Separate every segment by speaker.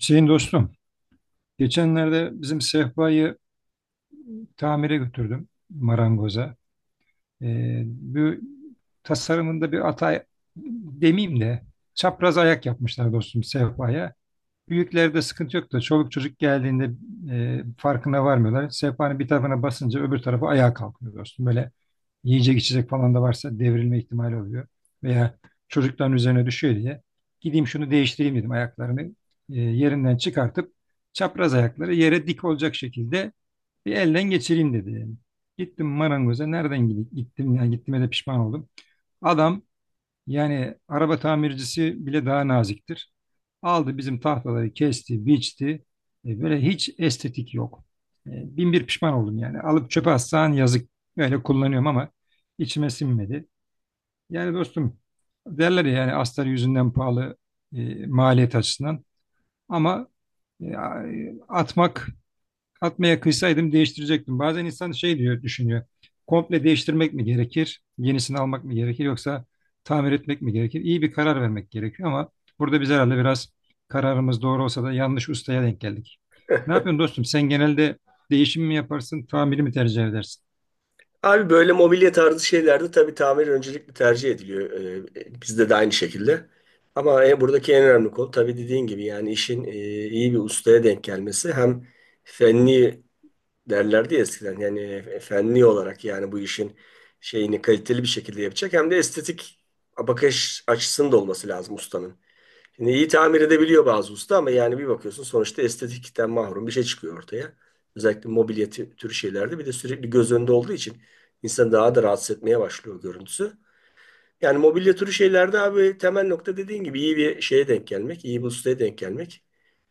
Speaker 1: Hüseyin dostum, geçenlerde bizim sehpayı tamire götürdüm marangoza. Bu tasarımında bir hata demeyeyim de çapraz ayak yapmışlar dostum sehpaya. Büyüklerde sıkıntı yok da çoluk çocuk geldiğinde farkına varmıyorlar. Sehpanın bir tarafına basınca öbür tarafı ayağa kalkıyor dostum. Böyle yiyecek içecek falan da varsa devrilme ihtimali oluyor. Veya çocukların üzerine düşüyor diye gideyim şunu değiştireyim dedim ayaklarını yerinden çıkartıp çapraz ayakları yere dik olacak şekilde bir elden geçireyim dedi yani. Gittim marangoza nereden gidip gittim yani gittiğime de pişman oldum. Adam yani araba tamircisi bile daha naziktir. Aldı bizim tahtaları kesti, biçti. Böyle hiç estetik yok. E, bin bir pişman oldum yani. Alıp çöpe atsan yazık. Böyle kullanıyorum ama içime sinmedi. Yani dostum derler ya yani astar yüzünden pahalı maliyet açısından. Ama e, atmak Atmaya kıysaydım değiştirecektim. Bazen insan şey diyor, düşünüyor. Komple değiştirmek mi gerekir? Yenisini almak mı gerekir? Yoksa tamir etmek mi gerekir? İyi bir karar vermek gerekiyor ama burada biz herhalde biraz kararımız doğru olsa da yanlış ustaya denk geldik. Ne yapıyorsun dostum? Sen genelde değişim mi yaparsın, tamiri mi tercih edersin?
Speaker 2: Abi böyle mobilya tarzı şeylerde tabii tamir öncelikli tercih ediliyor. Bizde de aynı şekilde. Ama buradaki en önemli konu tabii dediğin gibi yani işin iyi bir ustaya denk gelmesi. Hem fenli derlerdi ya eskiden yani fenli olarak yani bu işin şeyini kaliteli bir şekilde yapacak. Hem de estetik bakış açısının da olması lazım ustanın. Şimdi iyi tamir edebiliyor bazı usta ama yani bir bakıyorsun sonuçta estetikten mahrum bir şey çıkıyor ortaya. Özellikle mobilya türü şeylerde bir de sürekli göz önünde olduğu için insan daha da rahatsız etmeye başlıyor görüntüsü. Yani mobilya türü şeylerde abi temel nokta dediğin gibi iyi bir şeye denk gelmek, iyi bir ustaya denk gelmek.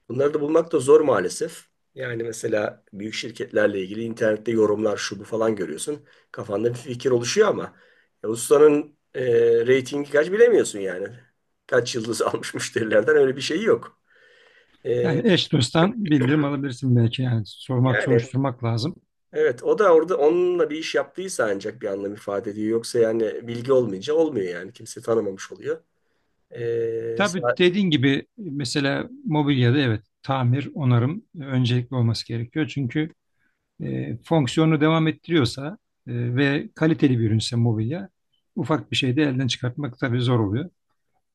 Speaker 2: Bunları da bulmak da zor maalesef. Yani mesela büyük şirketlerle ilgili internette yorumlar şu bu falan görüyorsun. Kafanda bir fikir oluşuyor ama ustanın reytingi kaç bilemiyorsun yani. Kaç yıldız almış müşterilerden öyle bir şey yok. E,
Speaker 1: Yani eş dosttan bildirim alabilirsin belki yani sormak,
Speaker 2: Yani
Speaker 1: soruşturmak lazım.
Speaker 2: evet o da orada onunla bir iş yaptıysa ancak bir anlam ifade ediyor. Yoksa yani bilgi olmayınca olmuyor yani. Kimse tanımamış oluyor. E,
Speaker 1: Tabii
Speaker 2: sa-
Speaker 1: dediğin gibi mesela mobilyada evet tamir, onarım öncelikli olması gerekiyor. Çünkü fonksiyonu devam ettiriyorsa ve kaliteli bir ürünse mobilya ufak bir şey de elden çıkartmak tabii zor oluyor.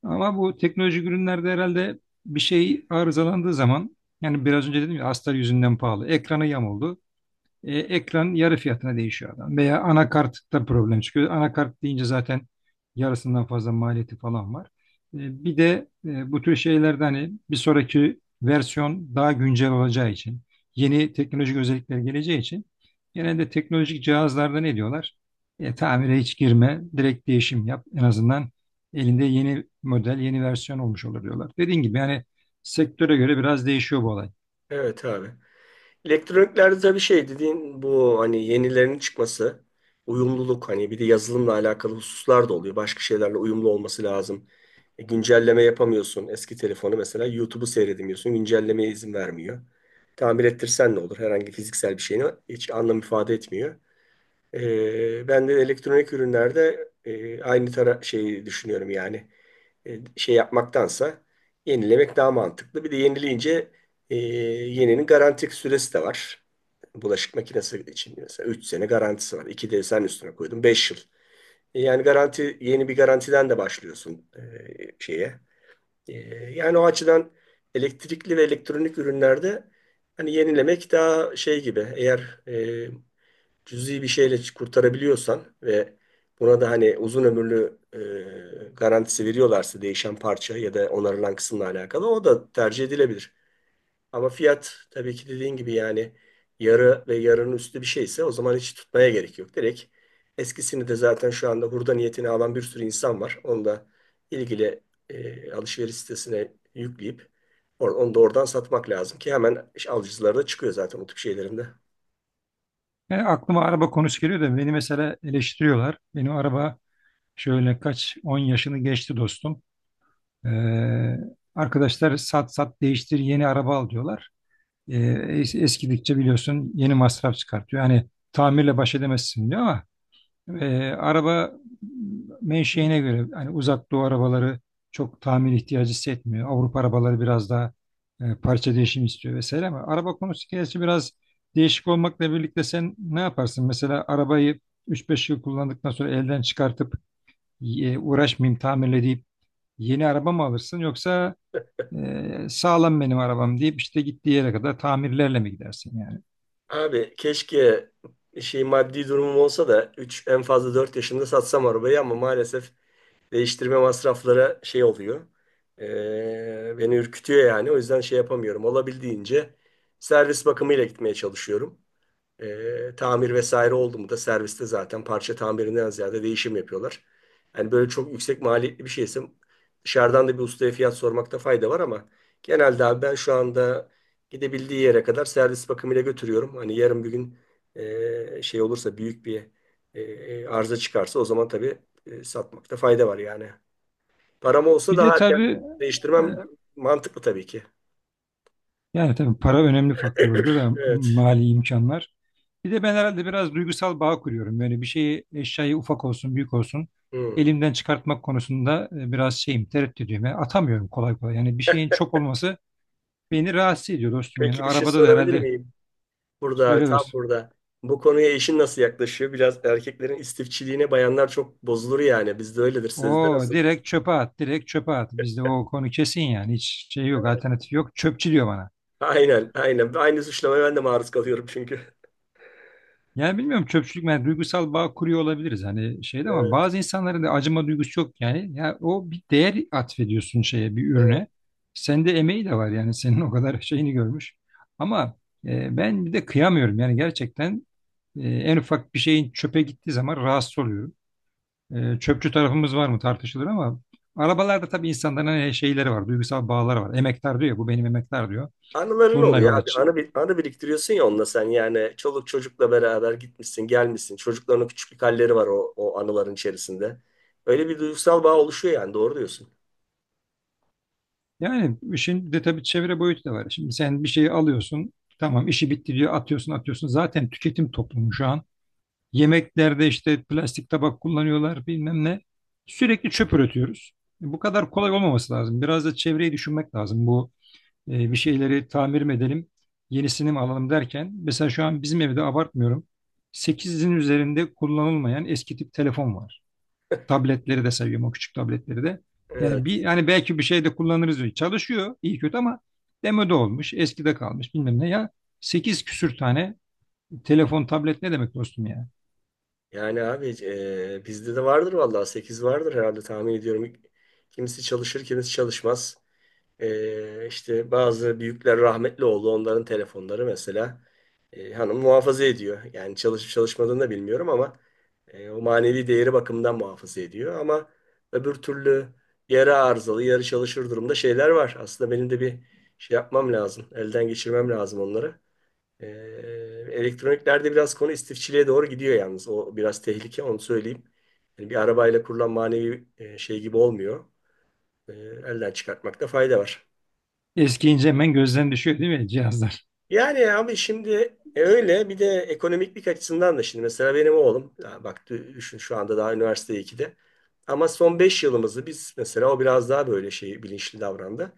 Speaker 1: Ama bu teknolojik ürünlerde herhalde bir şey arızalandığı zaman yani biraz önce dedim ya astar yüzünden pahalı. Ekranı yamuldu. Ekran yarı fiyatına değişiyor adam. Veya anakartta problem çıkıyor. Anakart deyince zaten yarısından fazla maliyeti falan var. Bir de bu tür şeylerde hani bir sonraki versiyon daha güncel olacağı için, yeni teknolojik özellikler geleceği için genelde teknolojik cihazlarda ne diyorlar? Tamire hiç girme, direkt değişim yap. En azından elinde yeni model, yeni versiyon olmuş olur diyorlar. Dediğim gibi yani sektöre göre biraz değişiyor bu olay.
Speaker 2: evet abi. Elektroniklerde bir şey dediğin bu hani yenilerinin çıkması, uyumluluk hani bir de yazılımla alakalı hususlar da oluyor. Başka şeylerle uyumlu olması lazım. Güncelleme yapamıyorsun. Eski telefonu mesela YouTube'u seyredemiyorsun. Güncellemeye izin vermiyor. Tamir ettirsen ne olur? Herhangi fiziksel bir şeyini hiç anlam ifade etmiyor. Ben de elektronik ürünlerde aynı tara şey düşünüyorum yani şey yapmaktansa yenilemek daha mantıklı. Bir de yenileyince yeninin garanti süresi de var. Bulaşık makinesi için mesela 3 sene garantisi var. 2 de sen üstüne koydun 5 yıl. Yani garanti yeni bir garantiden de başlıyorsun şeye. E, Yani o açıdan elektrikli ve elektronik ürünlerde hani yenilemek daha şey gibi eğer cüzi bir şeyle kurtarabiliyorsan ve buna da hani uzun ömürlü garantisi veriyorlarsa değişen parça ya da onarılan kısımla alakalı o da tercih edilebilir. Ama fiyat tabii ki dediğin gibi yani yarı ve yarının üstü bir şeyse o zaman hiç tutmaya gerek yok. Direkt eskisini de zaten şu anda hurda niyetini alan bir sürü insan var. Onu da ilgili alışveriş sitesine yükleyip onu da oradan satmak lazım ki hemen alıcıları da çıkıyor zaten o tip şeylerinde.
Speaker 1: Yani aklıma araba konusu geliyor da beni mesela eleştiriyorlar. Benim araba şöyle kaç 10 yaşını geçti dostum. Ee, arkadaşlar sat sat değiştir yeni araba al diyorlar. Ee, eskidikçe biliyorsun yeni masraf çıkartıyor. Yani tamirle baş edemezsin diyor ama araba menşeine göre hani uzak doğu arabaları çok tamir ihtiyacı hissetmiyor. Avrupa arabaları biraz daha parça değişimi istiyor vesaire ama araba konusu gerçi biraz değişik olmakla birlikte sen ne yaparsın? Mesela arabayı üç beş yıl kullandıktan sonra elden çıkartıp uğraşmayayım tamirle deyip yeni araba mı alırsın yoksa sağlam benim arabam deyip işte gittiği yere kadar tamirlerle mi gidersin yani?
Speaker 2: Abi keşke şey maddi durumum olsa da 3 en fazla 4 yaşımda satsam arabayı ama maalesef değiştirme masrafları şey oluyor. Beni ürkütüyor yani. O yüzden şey yapamıyorum. Olabildiğince servis bakımıyla gitmeye çalışıyorum. Tamir vesaire oldu mu da serviste zaten parça tamirinden ziyade değişim yapıyorlar. Yani böyle çok yüksek maliyetli bir şeyse dışarıdan da bir ustaya fiyat sormakta fayda var ama genelde abi ben şu anda gidebildiği yere kadar servis bakımıyla götürüyorum. Hani yarın bir gün şey olursa büyük bir arıza çıkarsa o zaman tabii satmakta fayda var yani. Param olsa
Speaker 1: Bir de
Speaker 2: daha erken
Speaker 1: tabii e,
Speaker 2: değiştirmem mantıklı tabii ki.
Speaker 1: yani tabii para önemli faktör orada da
Speaker 2: Evet.
Speaker 1: mali imkanlar. Bir de ben herhalde biraz duygusal bağ kuruyorum. Yani bir şeyi eşyayı ufak olsun büyük olsun
Speaker 2: Hmm.
Speaker 1: elimden çıkartmak konusunda biraz şeyim tereddüdüyüm. Yani atamıyorum kolay kolay. Yani bir şeyin çok olması beni rahatsız ediyor dostum. Yani
Speaker 2: Peki bir şey
Speaker 1: arabada da
Speaker 2: sorabilir
Speaker 1: herhalde.
Speaker 2: miyim? Burada abi
Speaker 1: Söyle
Speaker 2: tam
Speaker 1: dostum.
Speaker 2: burada. Bu konuya eşin nasıl yaklaşıyor? Biraz erkeklerin istifçiliğine bayanlar çok bozulur yani. Bizde öyledir. Sizde
Speaker 1: O
Speaker 2: nasıl?
Speaker 1: direkt çöpe at, direkt çöpe at. Bizde o konu kesin yani hiç şey yok, alternatif yok. Çöpçü diyor bana.
Speaker 2: Aynen, aynen. Aynı suçlamaya ben de maruz kalıyorum çünkü.
Speaker 1: Yani bilmiyorum çöpçülük yani duygusal bağ kuruyor olabiliriz hani şeyde ama
Speaker 2: Evet,
Speaker 1: bazı insanların da acıma duygusu yok yani. Yani o bir değer atfediyorsun şeye bir
Speaker 2: evet.
Speaker 1: ürüne. Sende emeği de var yani senin o kadar şeyini görmüş. Ama ben bir de kıyamıyorum yani gerçekten en ufak bir şeyin çöpe gittiği zaman rahatsız oluyorum. Çöpçü tarafımız var mı tartışılır ama arabalarda tabii insanların hani şeyleri var duygusal bağları var. Emektar diyor ya bu benim emektar diyor.
Speaker 2: Anıların
Speaker 1: Bununla
Speaker 2: oluyor
Speaker 1: yola,
Speaker 2: abi.
Speaker 1: ç-
Speaker 2: Anı, anı biriktiriyorsun ya onunla sen yani. Çoluk çocukla beraber gitmişsin gelmişsin. Çocukların küçüklük halleri var o anıların içerisinde. Öyle bir duygusal bağ oluşuyor yani doğru diyorsun.
Speaker 1: Yani işin bir de tabii çevre boyutu da var. Şimdi sen bir şeyi alıyorsun, tamam işi bitti diyor, atıyorsun atıyorsun. Zaten tüketim toplumu şu an. Yemeklerde işte plastik tabak kullanıyorlar bilmem ne. Sürekli çöp üretiyoruz. Bu kadar kolay olmaması lazım. Biraz da çevreyi düşünmek lazım. Bu bir şeyleri tamir mi edelim, yenisini mi alalım derken. Mesela şu an bizim evde abartmıyorum. Sekizin üzerinde kullanılmayan eski tip telefon var. Tabletleri de seviyorum o küçük tabletleri de. Yani
Speaker 2: Evet.
Speaker 1: bir yani belki bir şeyde kullanırız diyor. Çalışıyor iyi kötü ama demode olmuş, eskide kalmış bilmem ne ya. Sekiz küsür tane telefon, tablet ne demek dostum ya?
Speaker 2: Yani abi bizde de vardır vallahi 8 vardır herhalde tahmin ediyorum. Kimisi çalışır, kimisi çalışmaz. İşte bazı büyükler rahmetli oldu. Onların telefonları mesela hanım muhafaza ediyor. Yani çalışıp çalışmadığını da bilmiyorum ama o manevi değeri bakımından muhafaza ediyor. Ama öbür türlü yarı arızalı, yarı çalışır durumda şeyler var. Aslında benim de bir şey yapmam lazım. Elden geçirmem lazım onları. Ee, Elektroniklerde biraz konu istifçiliğe doğru gidiyor yalnız. O biraz tehlike, onu söyleyeyim. Yani bir arabayla kurulan manevi şey gibi olmuyor. Elden çıkartmakta fayda var.
Speaker 1: Eskiyince hemen gözden düşüyor değil mi cihazlar?
Speaker 2: Yani abi şimdi öyle bir de ekonomiklik açısından da şimdi mesela benim oğlum ya bak düşün şu anda daha üniversite ikide ama son 5 yılımızı biz mesela o biraz daha böyle şey bilinçli davrandı.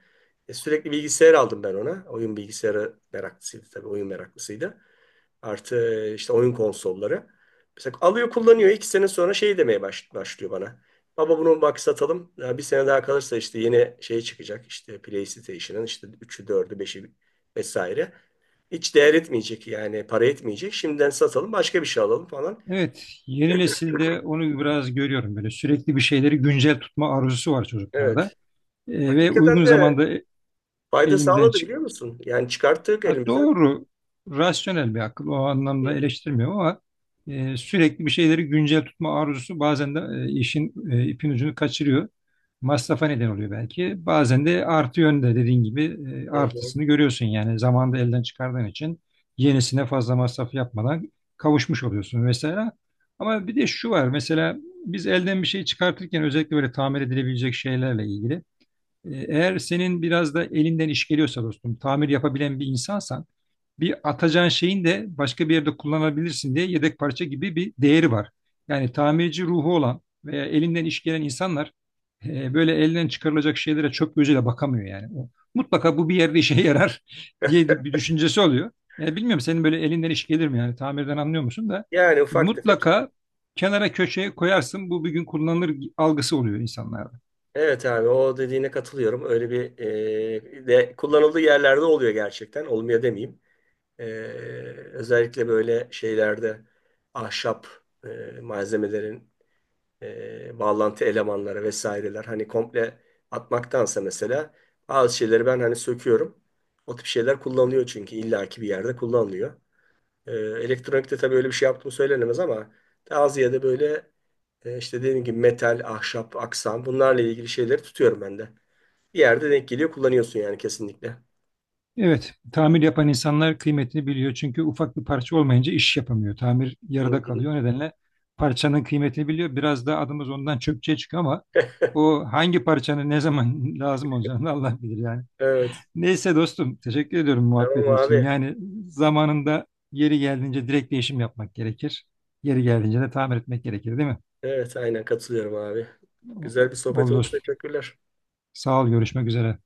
Speaker 2: Sürekli bilgisayar aldım ben ona. Oyun bilgisayarı meraklısıydı, tabii oyun meraklısıydı. Artı işte oyun konsolları. Mesela alıyor kullanıyor. 2 sene sonra şey demeye başlıyor bana. Baba bunu bak satalım. Ya bir sene daha kalırsa işte yeni şey çıkacak. İşte PlayStation'ın işte üçü dördü beşi vesaire. Hiç değer etmeyecek yani, para etmeyecek. Şimdiden satalım, başka bir şey alalım falan.
Speaker 1: Evet, yeni nesilde onu biraz görüyorum böyle sürekli bir şeyleri güncel tutma arzusu var çocuklarda.
Speaker 2: Evet.
Speaker 1: Ve
Speaker 2: Hakikaten
Speaker 1: uygun
Speaker 2: de
Speaker 1: zamanda
Speaker 2: fayda
Speaker 1: elimden
Speaker 2: sağladı,
Speaker 1: çıkan
Speaker 2: biliyor musun? Yani çıkarttık
Speaker 1: Ha,
Speaker 2: elimizden.
Speaker 1: doğru, rasyonel bir akıl. O anlamda
Speaker 2: Hı
Speaker 1: eleştirmiyorum ama sürekli bir şeyleri güncel tutma arzusu bazen de işin ipin ucunu kaçırıyor. Masrafa neden oluyor belki. Bazen de artı yönde dediğin gibi
Speaker 2: hı, hı.
Speaker 1: artısını görüyorsun. Yani zamanda elden çıkardığın için yenisine fazla masraf yapmadan kavuşmuş oluyorsun mesela. Ama bir de şu var mesela biz elden bir şey çıkartırken özellikle böyle tamir edilebilecek şeylerle ilgili eğer senin biraz da elinden iş geliyorsa dostum, tamir yapabilen bir insansan bir atacağın şeyin de başka bir yerde kullanabilirsin diye yedek parça gibi bir değeri var. Yani tamirci ruhu olan veya elinden iş gelen insanlar böyle elinden çıkarılacak şeylere çöp gözüyle bakamıyor yani. O, mutlaka bu bir yerde işe yarar diye bir düşüncesi oluyor. Yani bilmiyorum senin böyle elinden iş gelir mi yani tamirden anlıyor musun da
Speaker 2: Yani ufak tefek.
Speaker 1: mutlaka kenara köşeye koyarsın bu bir gün kullanılır algısı oluyor insanlarda.
Speaker 2: Evet abi, o dediğine katılıyorum. Öyle bir de kullanıldığı yerlerde oluyor gerçekten. Olmuyor demeyeyim. E, Özellikle böyle şeylerde ahşap e, malzemelerin bağlantı elemanları vesaireler hani komple atmaktansa mesela bazı şeyleri ben hani söküyorum. O tip şeyler kullanılıyor çünkü illaki bir yerde kullanılıyor. Elektronikte tabii öyle bir şey yaptığım söylenemez ama daha ziyade böyle işte dediğim gibi metal, ahşap, aksam bunlarla ilgili şeyleri tutuyorum ben de. Bir yerde denk geliyor kullanıyorsun yani kesinlikle.
Speaker 1: Evet, tamir yapan insanlar kıymetini biliyor. Çünkü ufak bir parça olmayınca iş yapamıyor. Tamir
Speaker 2: Hı
Speaker 1: yarıda kalıyor. O
Speaker 2: hı.
Speaker 1: nedenle parçanın kıymetini biliyor. Biraz da adımız ondan çöpçüye çıkıyor ama o hangi parçanın ne zaman lazım olacağını Allah bilir yani.
Speaker 2: Evet.
Speaker 1: Neyse dostum, teşekkür ediyorum
Speaker 2: Tamam
Speaker 1: muhabbetin için.
Speaker 2: abi.
Speaker 1: Yani zamanında yeri geldiğince direkt değişim yapmak gerekir. Yeri geldiğince de tamir etmek gerekir, değil mi?
Speaker 2: Evet aynen katılıyorum abi. Güzel bir sohbet
Speaker 1: Oldu
Speaker 2: oldu.
Speaker 1: dostum.
Speaker 2: Teşekkürler.
Speaker 1: Sağ ol, görüşmek üzere.